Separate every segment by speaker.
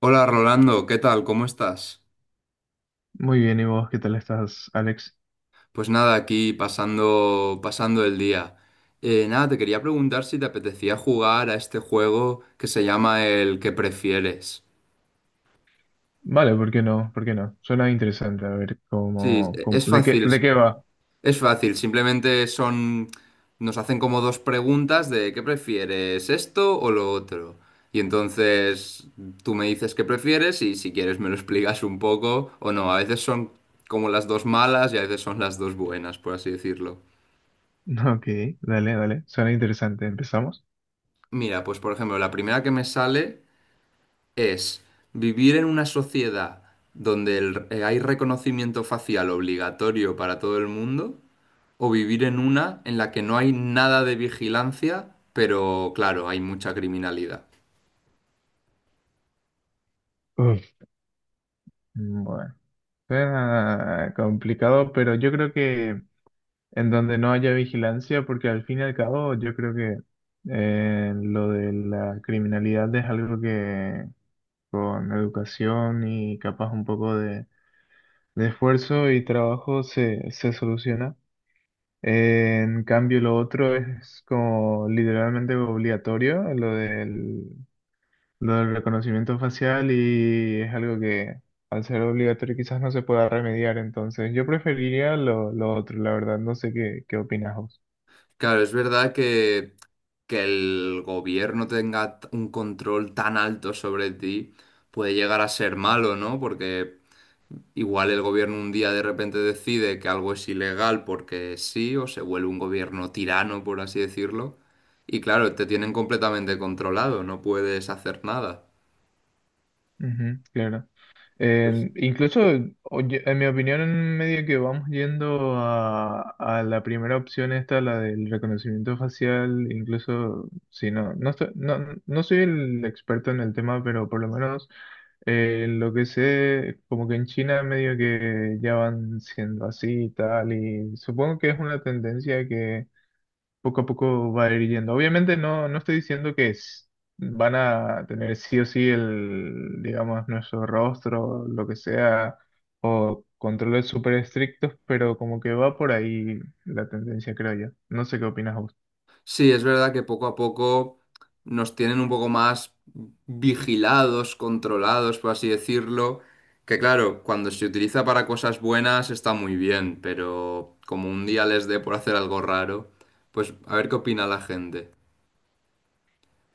Speaker 1: Hola Rolando, ¿qué tal? ¿Cómo estás?
Speaker 2: Muy bien, ¿y vos qué tal estás, Alex?
Speaker 1: Pues nada, aquí pasando, pasando el día. Nada, te quería preguntar si te apetecía jugar a este juego que se llama el que prefieres.
Speaker 2: Vale, ¿por qué no? ¿Por qué no? Suena interesante, a ver
Speaker 1: Sí, es
Speaker 2: de qué,
Speaker 1: fácil,
Speaker 2: de qué va.
Speaker 1: es fácil, simplemente son, nos hacen como dos preguntas de ¿qué prefieres, esto o lo otro? Y entonces tú me dices qué prefieres y si quieres me lo explicas un poco o no. A veces son como las dos malas y a veces son las dos buenas, por así decirlo.
Speaker 2: Ok, dale, dale, suena interesante. ¿Empezamos?
Speaker 1: Mira, pues por ejemplo, la primera que me sale es vivir en una sociedad donde hay reconocimiento facial obligatorio para todo el mundo o vivir en una en la que no hay nada de vigilancia, pero claro, hay mucha criminalidad.
Speaker 2: Uf. Bueno, suena complicado, pero yo creo que en donde no haya vigilancia, porque al fin y al cabo yo creo que lo de la criminalidad es algo que con educación y capaz un poco de esfuerzo y trabajo se soluciona. En cambio, lo otro es como literalmente obligatorio, lo del reconocimiento facial y es algo que al ser obligatorio quizás no se pueda remediar. Entonces, yo preferiría lo otro, la verdad. No sé qué opinas vos.
Speaker 1: Claro, es verdad que el gobierno tenga un control tan alto sobre ti puede llegar a ser malo, ¿no? Porque igual el gobierno un día de repente decide que algo es ilegal porque sí, o se vuelve un gobierno tirano, por así decirlo. Y claro, te tienen completamente controlado, no puedes hacer nada.
Speaker 2: Ujú, claro.
Speaker 1: Pues
Speaker 2: Eh, incluso, oye, en mi opinión, en medio que vamos yendo a la primera opción esta, la del reconocimiento facial, incluso si no, no soy el experto en el tema, pero por lo menos lo que sé, como que en China medio que ya van siendo así y tal, y supongo que es una tendencia poco a poco va a ir yendo. Obviamente no estoy diciendo que van a tener sí o sí el, digamos, nuestro rostro, lo que sea, controles súper estrictos, pero como que va por ahí la tendencia, creo yo. No sé qué opinas vos.
Speaker 1: sí, es verdad que poco a poco nos tienen un poco más vigilados, controlados, por así decirlo. Que claro, cuando se utiliza para cosas buenas está muy bien, pero como un día les dé por hacer algo raro, pues a ver qué opina la gente.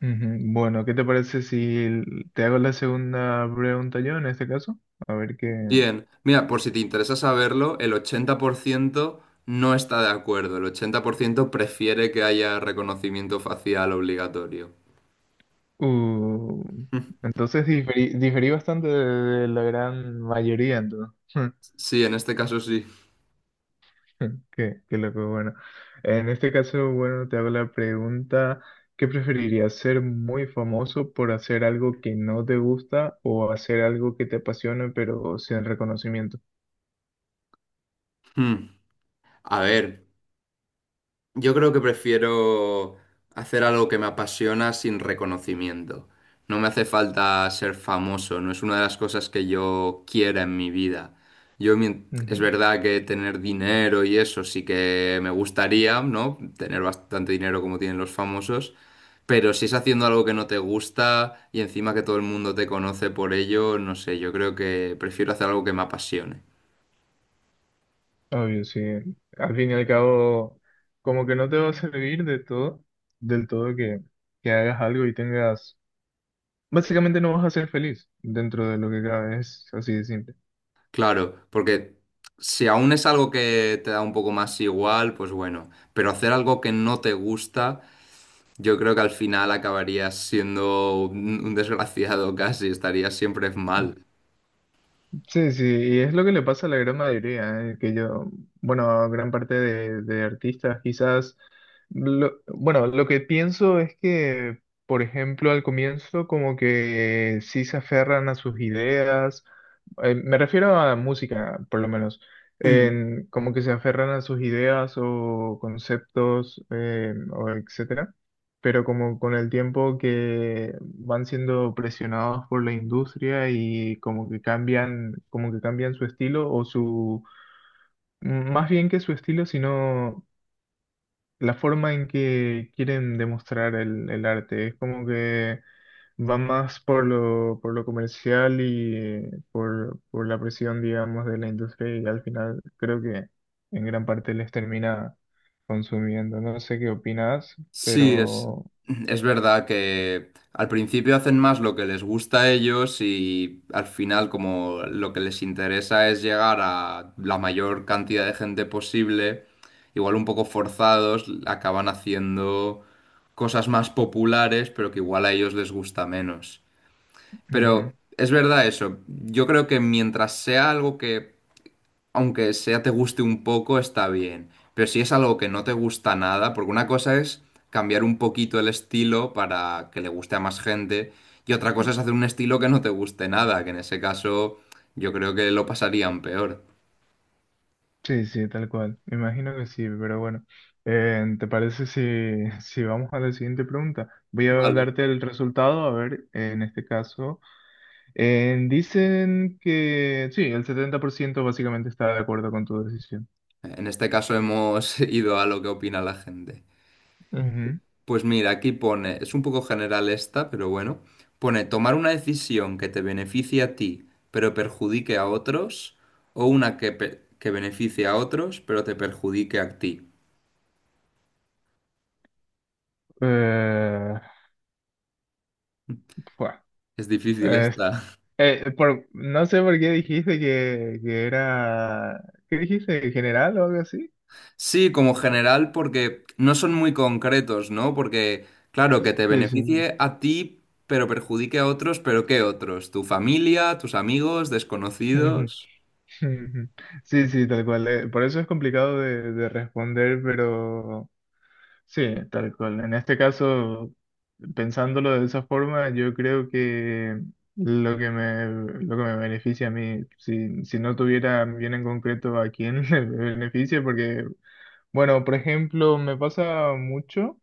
Speaker 2: Ujú. Bueno, ¿qué te parece si l- te hago la segunda pregunta yo en este caso? A ver qué...
Speaker 1: Bien, mira, por si te interesa saberlo, el 80% no está de acuerdo, el 80% prefiere que haya reconocimiento facial obligatorio.
Speaker 2: Uh, entonces diferí bastante de la gran mayoría, entonces.
Speaker 1: Sí, en este caso sí.
Speaker 2: Qué, qué loco, bueno. En este caso, bueno, te hago la pregunta, ¿qué preferirías, ser muy famoso por hacer algo que no te gusta o hacer algo que te apasione pero sin reconocimiento?
Speaker 1: Hmm. A ver. Yo creo que prefiero hacer algo que me apasiona sin reconocimiento. No me hace falta ser famoso, no es una de las cosas que yo quiera en mi vida. Es
Speaker 2: Ujú.
Speaker 1: verdad que tener dinero y eso sí que me gustaría, ¿no? Tener bastante dinero como tienen los famosos, pero si es haciendo algo que no te gusta y encima que todo el mundo te conoce por ello, no sé, yo creo que prefiero hacer algo que me apasione.
Speaker 2: Obvio, sí. Al fin y al cabo, como que no te va a servir de todo, del todo que hagas algo y tengas... Básicamente no vas a ser feliz dentro de lo que cabe, es así de simple.
Speaker 1: Claro, porque si aún es algo que te da un poco más igual, pues bueno, pero hacer algo que no te gusta, yo creo que al final acabarías siendo un desgraciado casi, estarías siempre mal.
Speaker 2: Sí, sí, y es lo que le pasa a la gran mayoría, bueno, a gran parte de artistas, quizás, bueno, lo que pienso es que, por ejemplo, al comienzo como que sí se aferran a sus ideas, me refiero a música, por lo menos,
Speaker 1: Mm.
Speaker 2: como que se aferran a sus ideas o conceptos, o etcétera, pero como con el tiempo que van siendo presionados por la industria y como que cambian su estilo o m- más bien que su estilo, sino la forma en que quieren demostrar el arte. Es como que va más por por lo comercial y por la presión, digamos, de la industria y al final creo que en gran parte les termina consumiendo. No sé qué opinas,
Speaker 1: Sí, es,
Speaker 2: pero...
Speaker 1: es verdad que al principio hacen más lo que les gusta a ellos y al final como lo que les interesa es llegar a la mayor cantidad de gente posible, igual un poco forzados, acaban haciendo cosas más populares, pero que igual a ellos les gusta menos.
Speaker 2: Ujú.
Speaker 1: Pero es verdad eso, yo creo que mientras sea algo que aunque sea te guste un poco, está bien. Pero si es algo que no te gusta nada, porque una cosa es cambiar un poquito el estilo para que le guste a más gente, y otra cosa es hacer un estilo que no te guste nada, que en ese caso yo creo que lo pasarían peor.
Speaker 2: Sí, sí, tal cual. Me imagino que sí, pero bueno. ¿Te parece si, si vamos a la siguiente pregunta? Voy a
Speaker 1: Vale.
Speaker 2: darte el resultado, a ver, en este caso. Dicen que sí, el 70% básicamente está de acuerdo con tu decisión.
Speaker 1: En este caso hemos ido a lo que opina la gente.
Speaker 2: Ujú.
Speaker 1: Pues mira, aquí pone, es un poco general esta, pero bueno, pone tomar una decisión que te beneficie a ti, pero perjudique a otros, o una que, que beneficie a otros, pero te perjudique a ti.
Speaker 2: Eh, fua.
Speaker 1: Es difícil
Speaker 2: Es-
Speaker 1: esta.
Speaker 2: no sé por qué dijiste que era... ¿Qué dijiste? ¿General o algo así?
Speaker 1: Sí, como general, porque no son muy concretos, ¿no? Porque, claro, que te
Speaker 2: Sí, sí, sí.
Speaker 1: beneficie a ti, pero perjudique a otros, pero ¿qué otros? ¿Tu familia, tus amigos,
Speaker 2: Ujú.
Speaker 1: desconocidos?
Speaker 2: Ujú. Sí, sí, tal cual. Eh, por eso es complicado de responder, pero sí, tal cual. En este caso, pensándolo de esa forma, yo creo que lo que me, lo que me beneficia a mí, si no tuviera bien en concreto a quién le beneficia, porque, bueno, por ejemplo, me pasa mucho,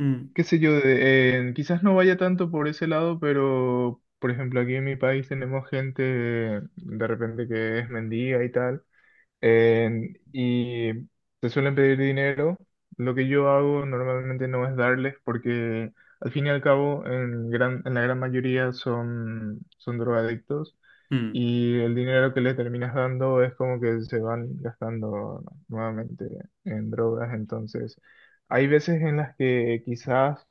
Speaker 1: Mm,
Speaker 2: qué sé yo, quizás no vaya tanto por ese lado, pero, por ejemplo, aquí en mi país tenemos gente de repente que es mendiga y tal. Y te suelen pedir dinero. Lo que yo hago normalmente no es darles porque al fin y al cabo en la gran mayoría son drogadictos
Speaker 1: mm.
Speaker 2: y el dinero que les terminas dando es como que se van gastando nuevamente en drogas. Entonces, hay veces en las que quizás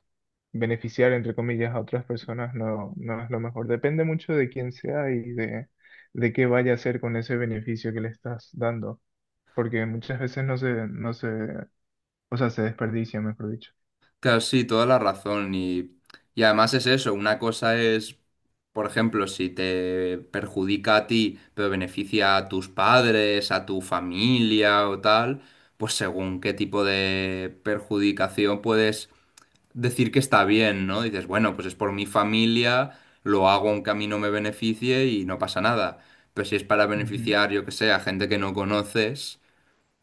Speaker 2: beneficiar, entre comillas, a otras personas no es lo mejor. Depende mucho de quién sea y de qué vaya a hacer con ese beneficio que le estás dando porque muchas veces no se, no se, o sea, se desperdicia, mejor dicho.
Speaker 1: Claro, sí, toda la razón. Y además es eso, una cosa es, por ejemplo, si te perjudica a ti, pero beneficia a tus padres, a tu familia o tal, pues según qué tipo de perjudicación puedes decir que está bien, ¿no? Dices, bueno, pues es por mi familia, lo hago aunque a mí no me beneficie y no pasa nada. Pero si es para
Speaker 2: Ujú.
Speaker 1: beneficiar, yo que sé, a gente que no conoces.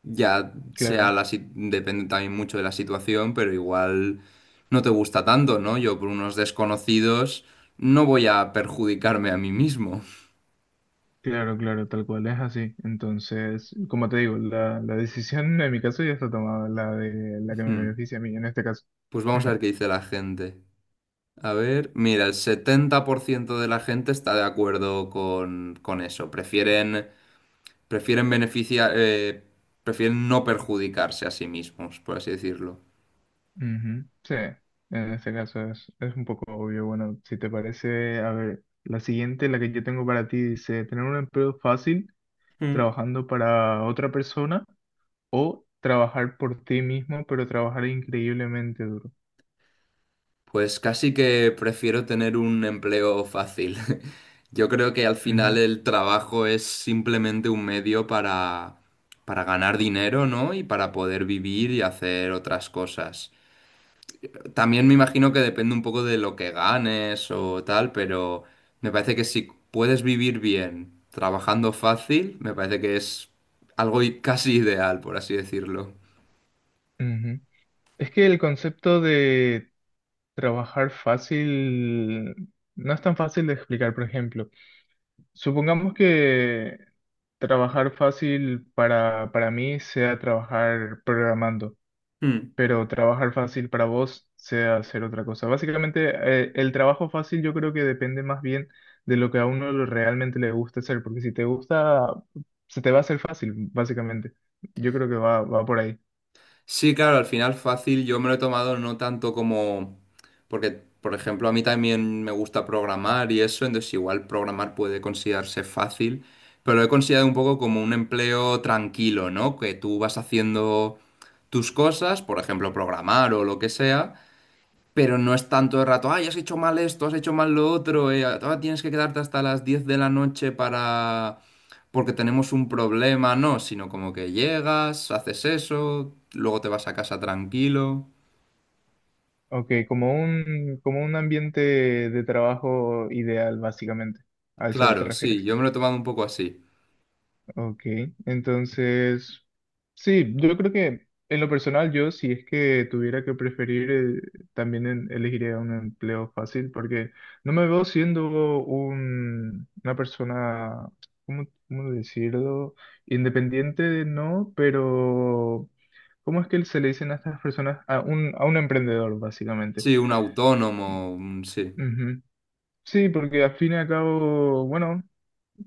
Speaker 1: Ya sea
Speaker 2: Claro,
Speaker 1: la, si- depende también mucho de la situación, pero igual no te gusta tanto, ¿no? Yo por unos desconocidos no voy a perjudicarme a mí mismo.
Speaker 2: claro, tal cual es así. Entonces, como te digo, la decisión en mi caso ya está tomada, la de la que me
Speaker 1: Hmm.
Speaker 2: beneficia a mí en este caso.
Speaker 1: Pues vamos a
Speaker 2: Ujú,
Speaker 1: ver qué dice la gente. A ver, mira, el 70% de la gente está de acuerdo con eso. Prefieren, prefieren beneficiar, prefieren no perjudicarse a sí mismos, por así decirlo.
Speaker 2: ujú. Sí, en este caso es un poco obvio. Bueno, si te parece, a ver, la siguiente, la que yo tengo para ti, dice, tener un empleo fácil trabajando para otra persona o trabajar por ti mismo, pero trabajar increíblemente duro.
Speaker 1: Pues casi que prefiero tener un empleo fácil. Yo creo que al final
Speaker 2: Ujú,
Speaker 1: el trabajo es simplemente un medio para ganar dinero, ¿no? Y para poder vivir y hacer otras cosas. También me imagino que depende un poco de lo que ganes o tal, pero me parece que si puedes vivir bien trabajando fácil, me parece que es casi ideal, por así decirlo.
Speaker 2: ujú. Es que el concepto de trabajar fácil no es tan fácil de explicar, por ejemplo. Supongamos que trabajar fácil para mí sea trabajar programando,
Speaker 1: Hmm.
Speaker 2: pero trabajar fácil para vos sea hacer otra cosa. Básicamente, el trabajo fácil yo creo que depende más bien de lo que a uno realmente le gusta hacer, porque si te gusta, se te va a hacer fácil, básicamente. Yo creo que va por ahí.
Speaker 1: Sí, claro, al final fácil yo me lo he tomado no tanto como... Porque, por ejemplo, a mí también me gusta programar y eso, entonces igual programar puede considerarse fácil, pero lo he considerado un poco como un empleo tranquilo, ¿no? Que tú vas haciendo tus cosas, por ejemplo, programar o lo que sea pero no es tanto de rato, ay, has hecho mal esto, has hecho mal lo otro, tienes que quedarte hasta las 10 de la noche para... porque tenemos un problema, no, sino como que llegas, haces eso, luego te vas a casa tranquilo.
Speaker 2: Ok, como un ambiente de trabajo ideal, básicamente. ¿A eso te
Speaker 1: Claro, sí,
Speaker 2: refieres?
Speaker 1: yo me lo he tomado un poco así.
Speaker 2: Ok, entonces, sí, yo creo que en lo personal yo, si es que tuviera que preferir, también elegiría un empleo fácil, porque no me veo siendo una persona, ¿cómo, cómo decirlo? Independiente, no, pero ¿cómo es que se le dicen a estas personas? A a un emprendedor, básicamente.
Speaker 1: Sí, un autónomo, un- sí.
Speaker 2: Ujú. Sí, porque al fin y al cabo, bueno,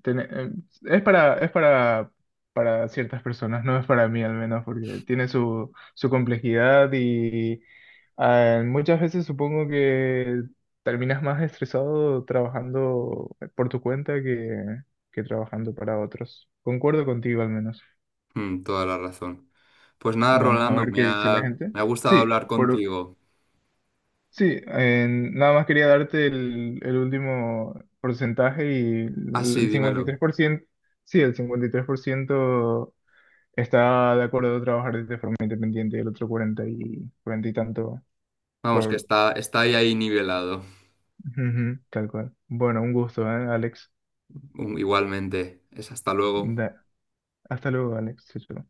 Speaker 2: tene- eh, es para ciertas personas, no es para mí al menos, porque tiene su complejidad y ah, muchas veces supongo que terminas más estresado trabajando por tu cuenta que trabajando para otros. Concuerdo contigo al menos.
Speaker 1: Mm, toda la razón. Pues nada,
Speaker 2: Vamos a
Speaker 1: Rolando,
Speaker 2: ver
Speaker 1: me
Speaker 2: qué dice la
Speaker 1: ha,
Speaker 2: gente.
Speaker 1: me ha gustado
Speaker 2: Sí,
Speaker 1: hablar
Speaker 2: por,
Speaker 1: contigo.
Speaker 2: sí, nada más quería darte el último porcentaje y
Speaker 1: Ah,
Speaker 2: el
Speaker 1: sí,
Speaker 2: el cincuenta y
Speaker 1: dímelo.
Speaker 2: tres por ciento, sí, el 53% está de acuerdo de trabajar de forma independiente y el otro 40 y tanto
Speaker 1: Vamos, que
Speaker 2: por...
Speaker 1: está, está ahí, ahí nivelado.
Speaker 2: Ujú, tal cual. Bueno, un gusto, ¿eh, Alex?
Speaker 1: Mm, igualmente. Es hasta luego.
Speaker 2: Da- hasta luego, Alex. Chao, chao.